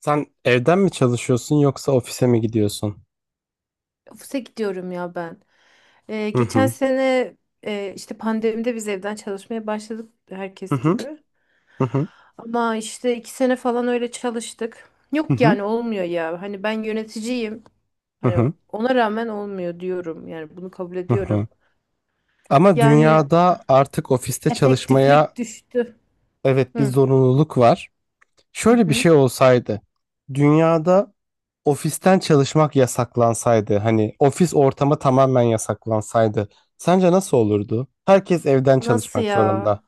Sen evden mi çalışıyorsun yoksa ofise mi gidiyorsun? Ofise gidiyorum ya ben. Hı Geçen hı. sene işte pandemide biz evden çalışmaya başladık Hı herkes hı. gibi. Hı hı. Ama işte iki sene falan öyle çalıştık. Hı Yok hı. yani olmuyor ya. Hani ben yöneticiyim. Hı Hani hı. ona rağmen olmuyor diyorum. Yani bunu kabul Hı hı. ediyorum. Ama Yani dünyada artık ofiste çalışmaya efektiflik düştü. evet bir Hı zorunluluk var. hı. Şöyle bir hı. şey olsaydı. Dünyada ofisten çalışmak yasaklansaydı, hani ofis ortamı tamamen yasaklansaydı, sence nasıl olurdu? Herkes evden Nasıl çalışmak ya? zorunda.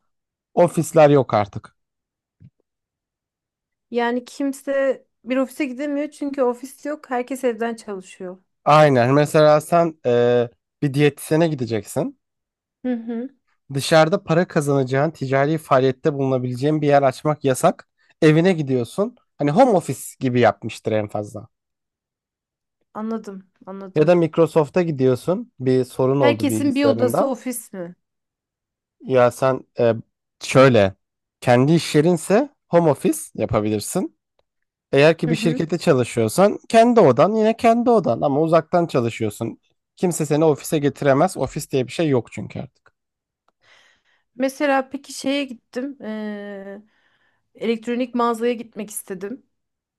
Ofisler yok artık. Yani kimse bir ofise gidemiyor çünkü ofis yok. Herkes evden çalışıyor. Aynen. Mesela sen bir diyetisyene gideceksin. Hı hı. Dışarıda para kazanacağın, ticari faaliyette bulunabileceğin bir yer açmak yasak. Evine gidiyorsun. Hani home office gibi yapmıştır en fazla. Anladım, Ya anladım. da Microsoft'a gidiyorsun. Bir sorun oldu Herkesin bir odası bilgisayarında. ofis mi? Ya sen şöyle kendi iş yerinse home office yapabilirsin. Eğer ki Hı bir hı. şirkette çalışıyorsan kendi odan yine kendi odan ama uzaktan çalışıyorsun. Kimse seni ofise getiremez. Ofis diye bir şey yok çünkü artık. Mesela peki şeye gittim. Elektronik mağazaya gitmek istedim.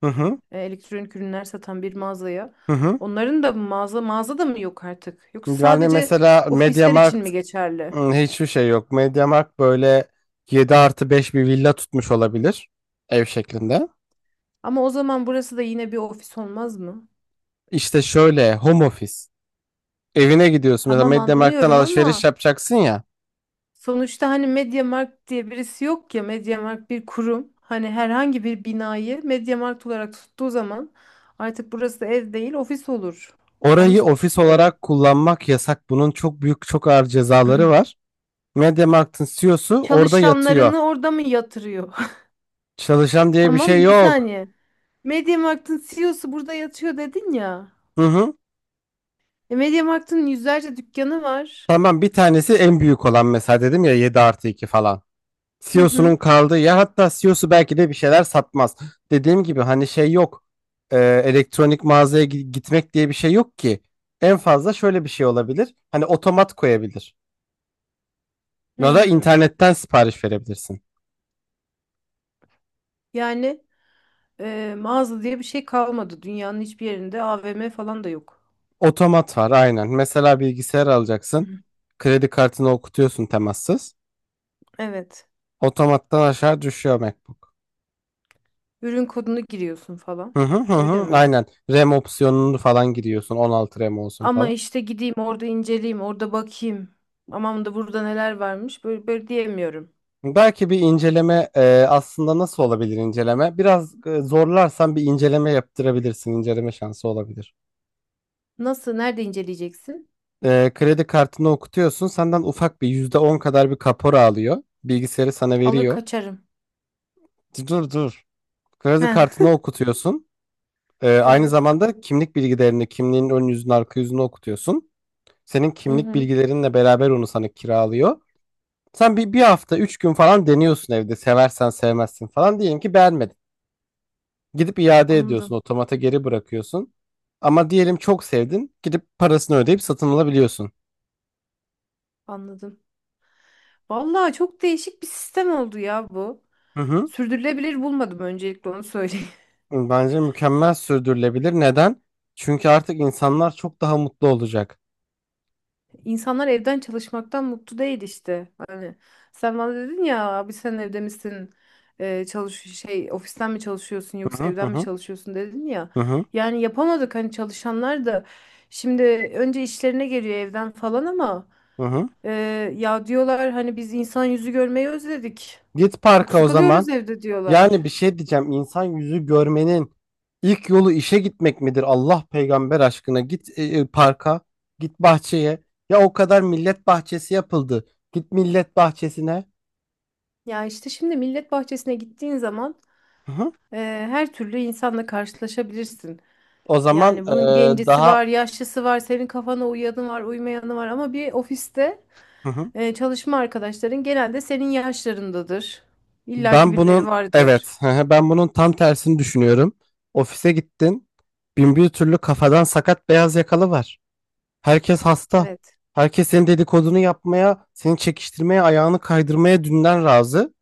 Hı hı Elektronik ürünler satan bir mağazaya. hı hı. Onların da mı mağaza mağaza da mı yok artık? Yoksa Yani sadece mesela ofisler için MediaMarkt. mi geçerli? Hiçbir şey yok. Mediamarkt böyle 7+5 bir villa tutmuş olabilir. Ev şeklinde. Ama o zaman burası da yine bir ofis olmaz mı? İşte şöyle home office. Evine gidiyorsun. Mesela Tamam Mediamarkt'tan anlıyorum alışveriş ama yapacaksın ya. sonuçta hani MediaMarkt diye birisi yok ya. MediaMarkt bir kurum. Hani herhangi bir binayı MediaMarkt olarak tuttuğu zaman artık burası ev değil ofis olur. Orayı Yanlış mı ofis düşünüyorum? olarak kullanmak yasak. Bunun çok büyük, çok ağır cezaları var. Mediamarkt'ın CEO'su orada yatıyor. Çalışanlarını orada mı yatırıyor? Çalışan diye bir şey Tamam bir yok. saniye. MediaMarkt'ın CEO'su burada yatıyor dedin ya. Hı hı. E, MediaMarkt'ın yüzlerce dükkanı var. Tamam, bir tanesi en büyük olan, mesela dedim ya, 7+2 falan. Hı CEO'sunun hı. kaldığı yer, hatta CEO'su belki de bir şeyler satmaz. Dediğim gibi hani şey yok. Elektronik mağazaya gitmek diye bir şey yok ki. En fazla şöyle bir şey olabilir. Hani otomat koyabilir. Ya da Hı. internetten sipariş verebilirsin. Yani mağaza diye bir şey kalmadı. Dünyanın hiçbir yerinde AVM falan da yok. Otomat var, aynen. Mesela bilgisayar alacaksın. Kredi kartını okutuyorsun, temassız. Evet. Otomattan aşağı düşüyor MacBook. Ürün kodunu giriyorsun falan. Hı hı hı Öyle hı. mi? Aynen. RAM opsiyonunu falan giriyorsun. 16 RAM olsun Ama falan. işte gideyim orada inceleyeyim, orada bakayım. Aman da burada neler varmış. Böyle, böyle diyemiyorum. Belki bir inceleme, aslında nasıl olabilir inceleme? Biraz zorlarsan bir inceleme yaptırabilirsin. İnceleme şansı olabilir. Nasıl? Nerede inceleyeceksin? Kredi kartını okutuyorsun. Senden ufak bir %10 kadar bir kapora alıyor. Bilgisayarı sana Alır veriyor. kaçarım. Dur, dur. Kredi He, kartını okutuyorsun. Aynı evet. zamanda kimlik bilgilerini, kimliğin ön yüzünü, arka yüzünü okutuyorsun. Senin Hı kimlik hı. bilgilerinle beraber onu sana kiralıyor. Sen bir hafta, üç gün falan deniyorsun evde. Seversen sevmezsin falan. Diyelim ki beğenmedin. Gidip iade ediyorsun, Anladım, otomata geri bırakıyorsun. Ama diyelim çok sevdin, gidip parasını ödeyip satın alabiliyorsun. anladım. Vallahi çok değişik bir sistem oldu ya bu. Hı hı. Sürdürülebilir bulmadım öncelikle onu söyleyeyim. Bence mükemmel sürdürülebilir. Neden? Çünkü artık insanlar çok daha mutlu olacak. İnsanlar evden çalışmaktan mutlu değil işte. Hani sen bana dedin ya abi sen evde misin? Çalış şey ofisten mi çalışıyorsun Hı yoksa hı hı evden mi hı çalışıyorsun dedin ya. hı hı. Yani yapamadık hani çalışanlar da şimdi önce işlerine geliyor evden falan ama Hı hı. e, ya diyorlar hani biz insan yüzü görmeyi özledik. Git Çok parka o sıkılıyoruz zaman. evde Yani bir diyorlar. şey diyeceğim. İnsan yüzü görmenin ilk yolu işe gitmek midir? Allah peygamber aşkına git parka, git bahçeye. Ya o kadar millet bahçesi yapıldı. Git millet bahçesine. Ya işte şimdi millet bahçesine gittiğin zaman Hı hı. e, her türlü insanla karşılaşabilirsin. O zaman Yani bunun gencisi daha... var, yaşlısı var, senin kafana uyanı var, uymayanı var ama bir ofiste Hı hı. Çalışma arkadaşların genelde senin yaşlarındadır. İlla ki ben birileri bunun vardır. Evet, hı hı, ben bunun tam tersini düşünüyorum. Ofise gittin. Bin bir türlü kafadan sakat beyaz yakalı var. Herkes hasta. Evet. Herkes senin dedikodunu yapmaya, seni çekiştirmeye, ayağını kaydırmaya dünden razı.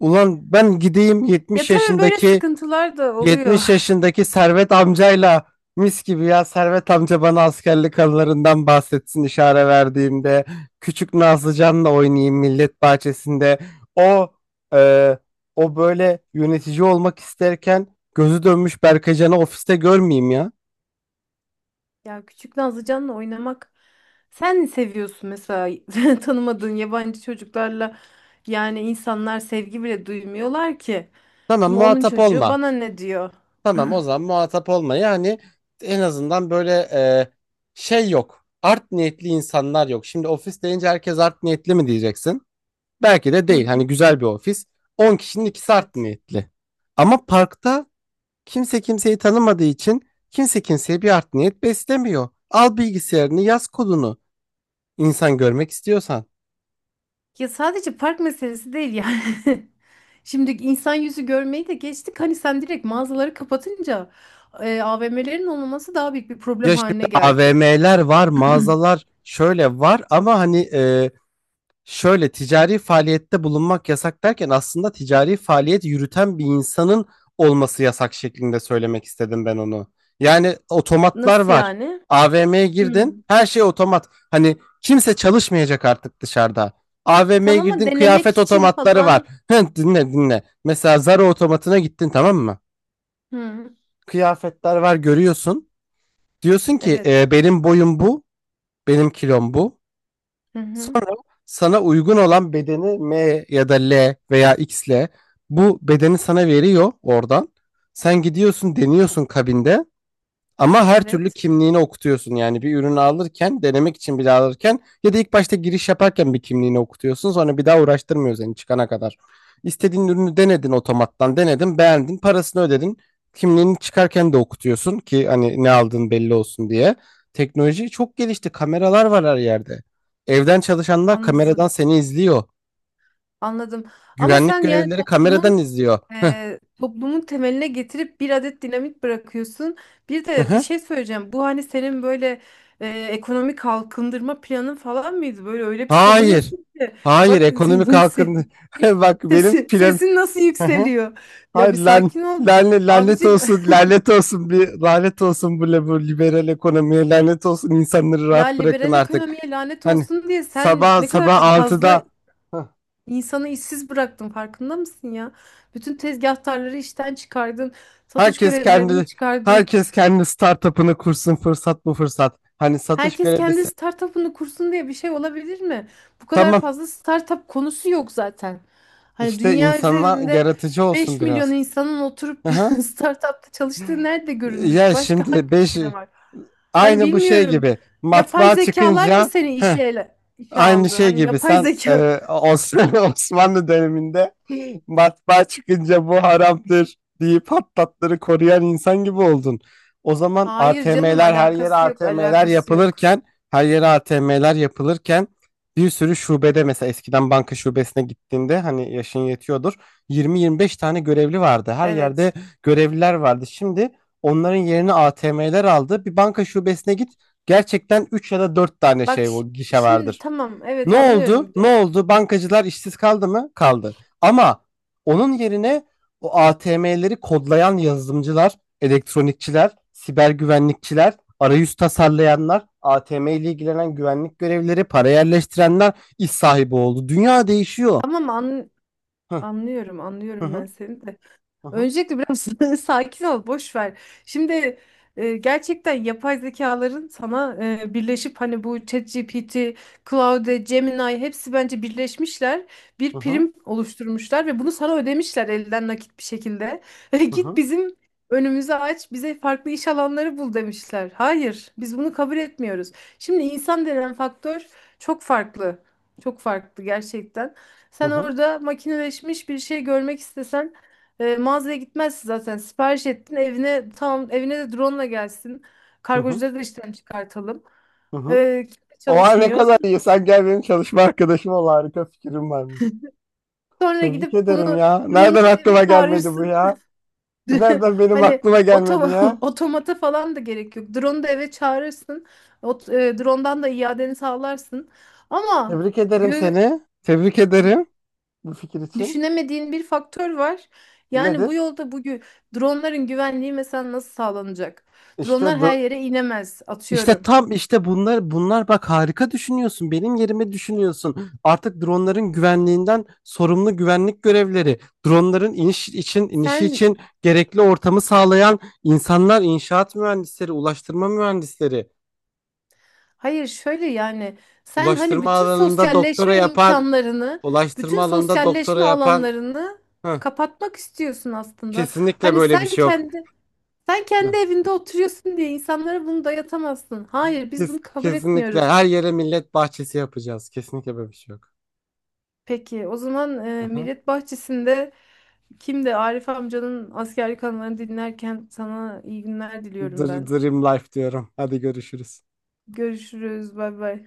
Ulan ben gideyim Ya tabii böyle sıkıntılar da oluyor. 70 yaşındaki Servet amcayla, mis gibi, ya Servet amca bana askerlik anılarından bahsetsin, işare verdiğimde küçük Nazlıcan'la oynayayım millet bahçesinde, o e, o böyle yönetici olmak isterken gözü dönmüş Berkacan'ı ofiste görmeyeyim ya. Ya küçük Nazlıcan'la oynamak sen ne seviyorsun mesela tanımadığın yabancı çocuklarla yani insanlar sevgi bile duymuyorlar ki. tamam Şimdi onun muhatap çocuğu olma bana ne diyor? tamam, o zaman muhatap olma, yani en azından böyle şey yok, art niyetli insanlar yok. Şimdi ofis deyince herkes art niyetli mi diyeceksin? Belki de Hı değil. hı. Hani güzel bir ofis. On kişinin ikisi art Evet. niyetli. Ama parkta kimse kimseyi tanımadığı için kimse kimseye bir art niyet beslemiyor. Al bilgisayarını, yaz kodunu. İnsan görmek istiyorsan. Ya sadece park meselesi değil yani. Şimdi insan yüzü görmeyi de geçtik. Hani sen direkt mağazaları kapatınca AVM'lerin olmaması daha büyük bir Ya problem şimdi haline geldi. AVM'ler var, mağazalar şöyle var ama hani şöyle ticari faaliyette bulunmak yasak derken aslında ticari faaliyet yürüten bir insanın olması yasak şeklinde söylemek istedim ben onu. Yani otomatlar Nasıl var. yani? AVM'ye Hmm. girdin, her şey otomat. Hani kimse çalışmayacak artık dışarıda. AVM'ye Tamam ama girdin, denemek kıyafet için otomatları var. falan. Dinle, dinle. Mesela Zara otomatına gittin, tamam mı? Hı, Kıyafetler var, görüyorsun. Diyorsun ki: evet. Benim boyum bu, benim kilom bu." Hı hı, Sonra sana uygun olan bedeni, M ya da L veya X ile, bu bedeni sana veriyor oradan. Sen gidiyorsun, deniyorsun kabinde. Ama her türlü evet. kimliğini okutuyorsun, yani bir ürünü alırken, denemek için bile alırken ya da ilk başta giriş yaparken bir kimliğini okutuyorsun. Sonra bir daha uğraştırmıyor seni çıkana kadar. İstediğin ürünü denedin otomattan, denedin, beğendin, parasını ödedin. Kimliğini çıkarken de okutuyorsun ki hani ne aldığın belli olsun diye. Teknoloji çok gelişti. Kameralar var her yerde. Evden çalışanlar kameradan Anladım. seni izliyor. Anladım. Ama Güvenlik sen yani görevlileri toplumun kameradan izliyor. Toplumun temeline getirip bir adet dinamit bırakıyorsun. Bir Hı de bir hı. şey söyleyeceğim. Bu hani senin böyle ekonomik kalkındırma planın falan mıydı? Böyle öyle bir Hayır. savunuyorsun ki. Hayır, Bak ekonomik halkın... Bak benim sesi, plan... sesin nasıl yükseliyor. Ya Hayır bir lan, sakin ol. Lanet Abicim olsun, lanet olsun, bir lanet olsun bu, bu liberal ekonomiye, lanet olsun, insanları ya rahat bırakın liberal artık. ekonomiye lanet Hani olsun diye sen sabah ne kadar sabah fazla 6'da, hah, insanı işsiz bıraktın farkında mısın ya? Bütün tezgahtarları işten çıkardın, satış herkes görevlilerini kendi çıkardın. herkes kendi startup'ını kursun, fırsat bu fırsat. Hani satış Herkes kendi görevlisi. startup'ını kursun diye bir şey olabilir mi? Bu kadar Tamam, fazla startup konusu yok zaten. Hani işte dünya insanlar üzerinde yaratıcı olsun 5 milyon biraz. insanın oturup Aha. startup'ta çalıştığı nerede görülmüş? Ya Başka şimdi hangi 5... ülkede var? Hani aynı bu şey bilmiyorum. gibi Yapay matbaa zekalar mı çıkınca... seni işe Aynı aldı? şey Hani gibi yapay sen zeka. Osmanlı döneminde matbaa çıkınca "bu haramdır" deyip hattatları koruyan insan gibi oldun. O zaman Hayır canım ATM'ler, her yere alakası yok, ATM'ler alakası yok. yapılırken, her yere ATM'ler yapılırken bir sürü şubede, mesela eskiden banka şubesine gittiğinde, hani yaşın yetiyordur, 20-25 tane görevli vardı. Her yerde Evet. görevliler vardı. Şimdi onların yerini ATM'ler aldı. Bir banka şubesine git, gerçekten 3 ya da 4 tane Bak şey, ş- o gişe Şimdi vardır. tamam evet Ne oldu? anlıyorum. Ne oldu? Bankacılar işsiz kaldı mı? Kaldı. Ama onun yerine o ATM'leri kodlayan yazılımcılar, elektronikçiler, siber güvenlikçiler, arayüz tasarlayanlar, ATM ile ilgilenen güvenlik görevlileri, para yerleştirenler iş sahibi oldu. Dünya değişiyor. Tamam an Hı Anlıyorum, hı anlıyorum hı ben seni de. hı hı Öncelikle biraz sakin ol, boş ver. Şimdi gerçekten yapay zekaların sana birleşip hani bu ChatGPT, Claude, Gemini hepsi bence birleşmişler. Bir hı prim oluşturmuşlar ve bunu sana ödemişler elden nakit bir şekilde. Git hı bizim önümüzü aç, bize farklı iş alanları bul demişler. Hayır, biz bunu kabul etmiyoruz. Şimdi insan denen faktör çok farklı. Çok farklı gerçekten. Sen hı orada makineleşmiş bir şey görmek istesen mağazaya gitmezsin zaten. Sipariş ettin evine tamam evine de drone gelsin. hı Kargocuları da işten çıkartalım. hı hı. Kimse Oha, ne çalışmıyor. kadar iyi. Sen gel benim çalışma arkadaşım ol. Harika fikrim varmış. Sonra Tebrik gidip bunu ederim ya. Nereden drone'u da eve aklıma gelmedi bu çağırırsın. ya? Bu nereden benim Hani aklıma otom gelmedi ya? otomata falan da gerek yok. Drone'u da eve çağırırsın. Drone'dan da iadeni sağlarsın. Ama Tebrik ederim gö- seni. Tebrik ederim bu fikir için. düşünemediğin bir faktör var. Yani bu Nedir? yolda bugün dronların güvenliği mesela nasıl sağlanacak? İşte Dronlar do- her yere inemez işte atıyorum. tam işte bunlar bunlar, bak harika düşünüyorsun. Benim yerime düşünüyorsun. Artık dronların güvenliğinden sorumlu güvenlik görevleri, dronların inişi Sen için gerekli ortamı sağlayan insanlar, inşaat mühendisleri, ulaştırma mühendisleri, hayır Şöyle yani sen hani ulaştırma bütün alanında doktora sosyalleşme yapan, imkanlarını, ulaştırma bütün alanında doktora sosyalleşme yapan... alanlarını Heh, kapatmak istiyorsun aslında. kesinlikle böyle bir şey yok. Sen kendi evinde oturuyorsun diye insanlara bunu dayatamazsın. Hayır, biz bunu kabul Kesinlikle etmiyoruz. her yere millet bahçesi yapacağız. Kesinlikle böyle bir şey yok. Peki o zaman Aha. Millet Bahçesi'nde kimdi? Arif amcanın askerlik anılarını dinlerken sana iyi günler diliyorum ben. Dream life diyorum. Hadi görüşürüz. Görüşürüz. Bay bay.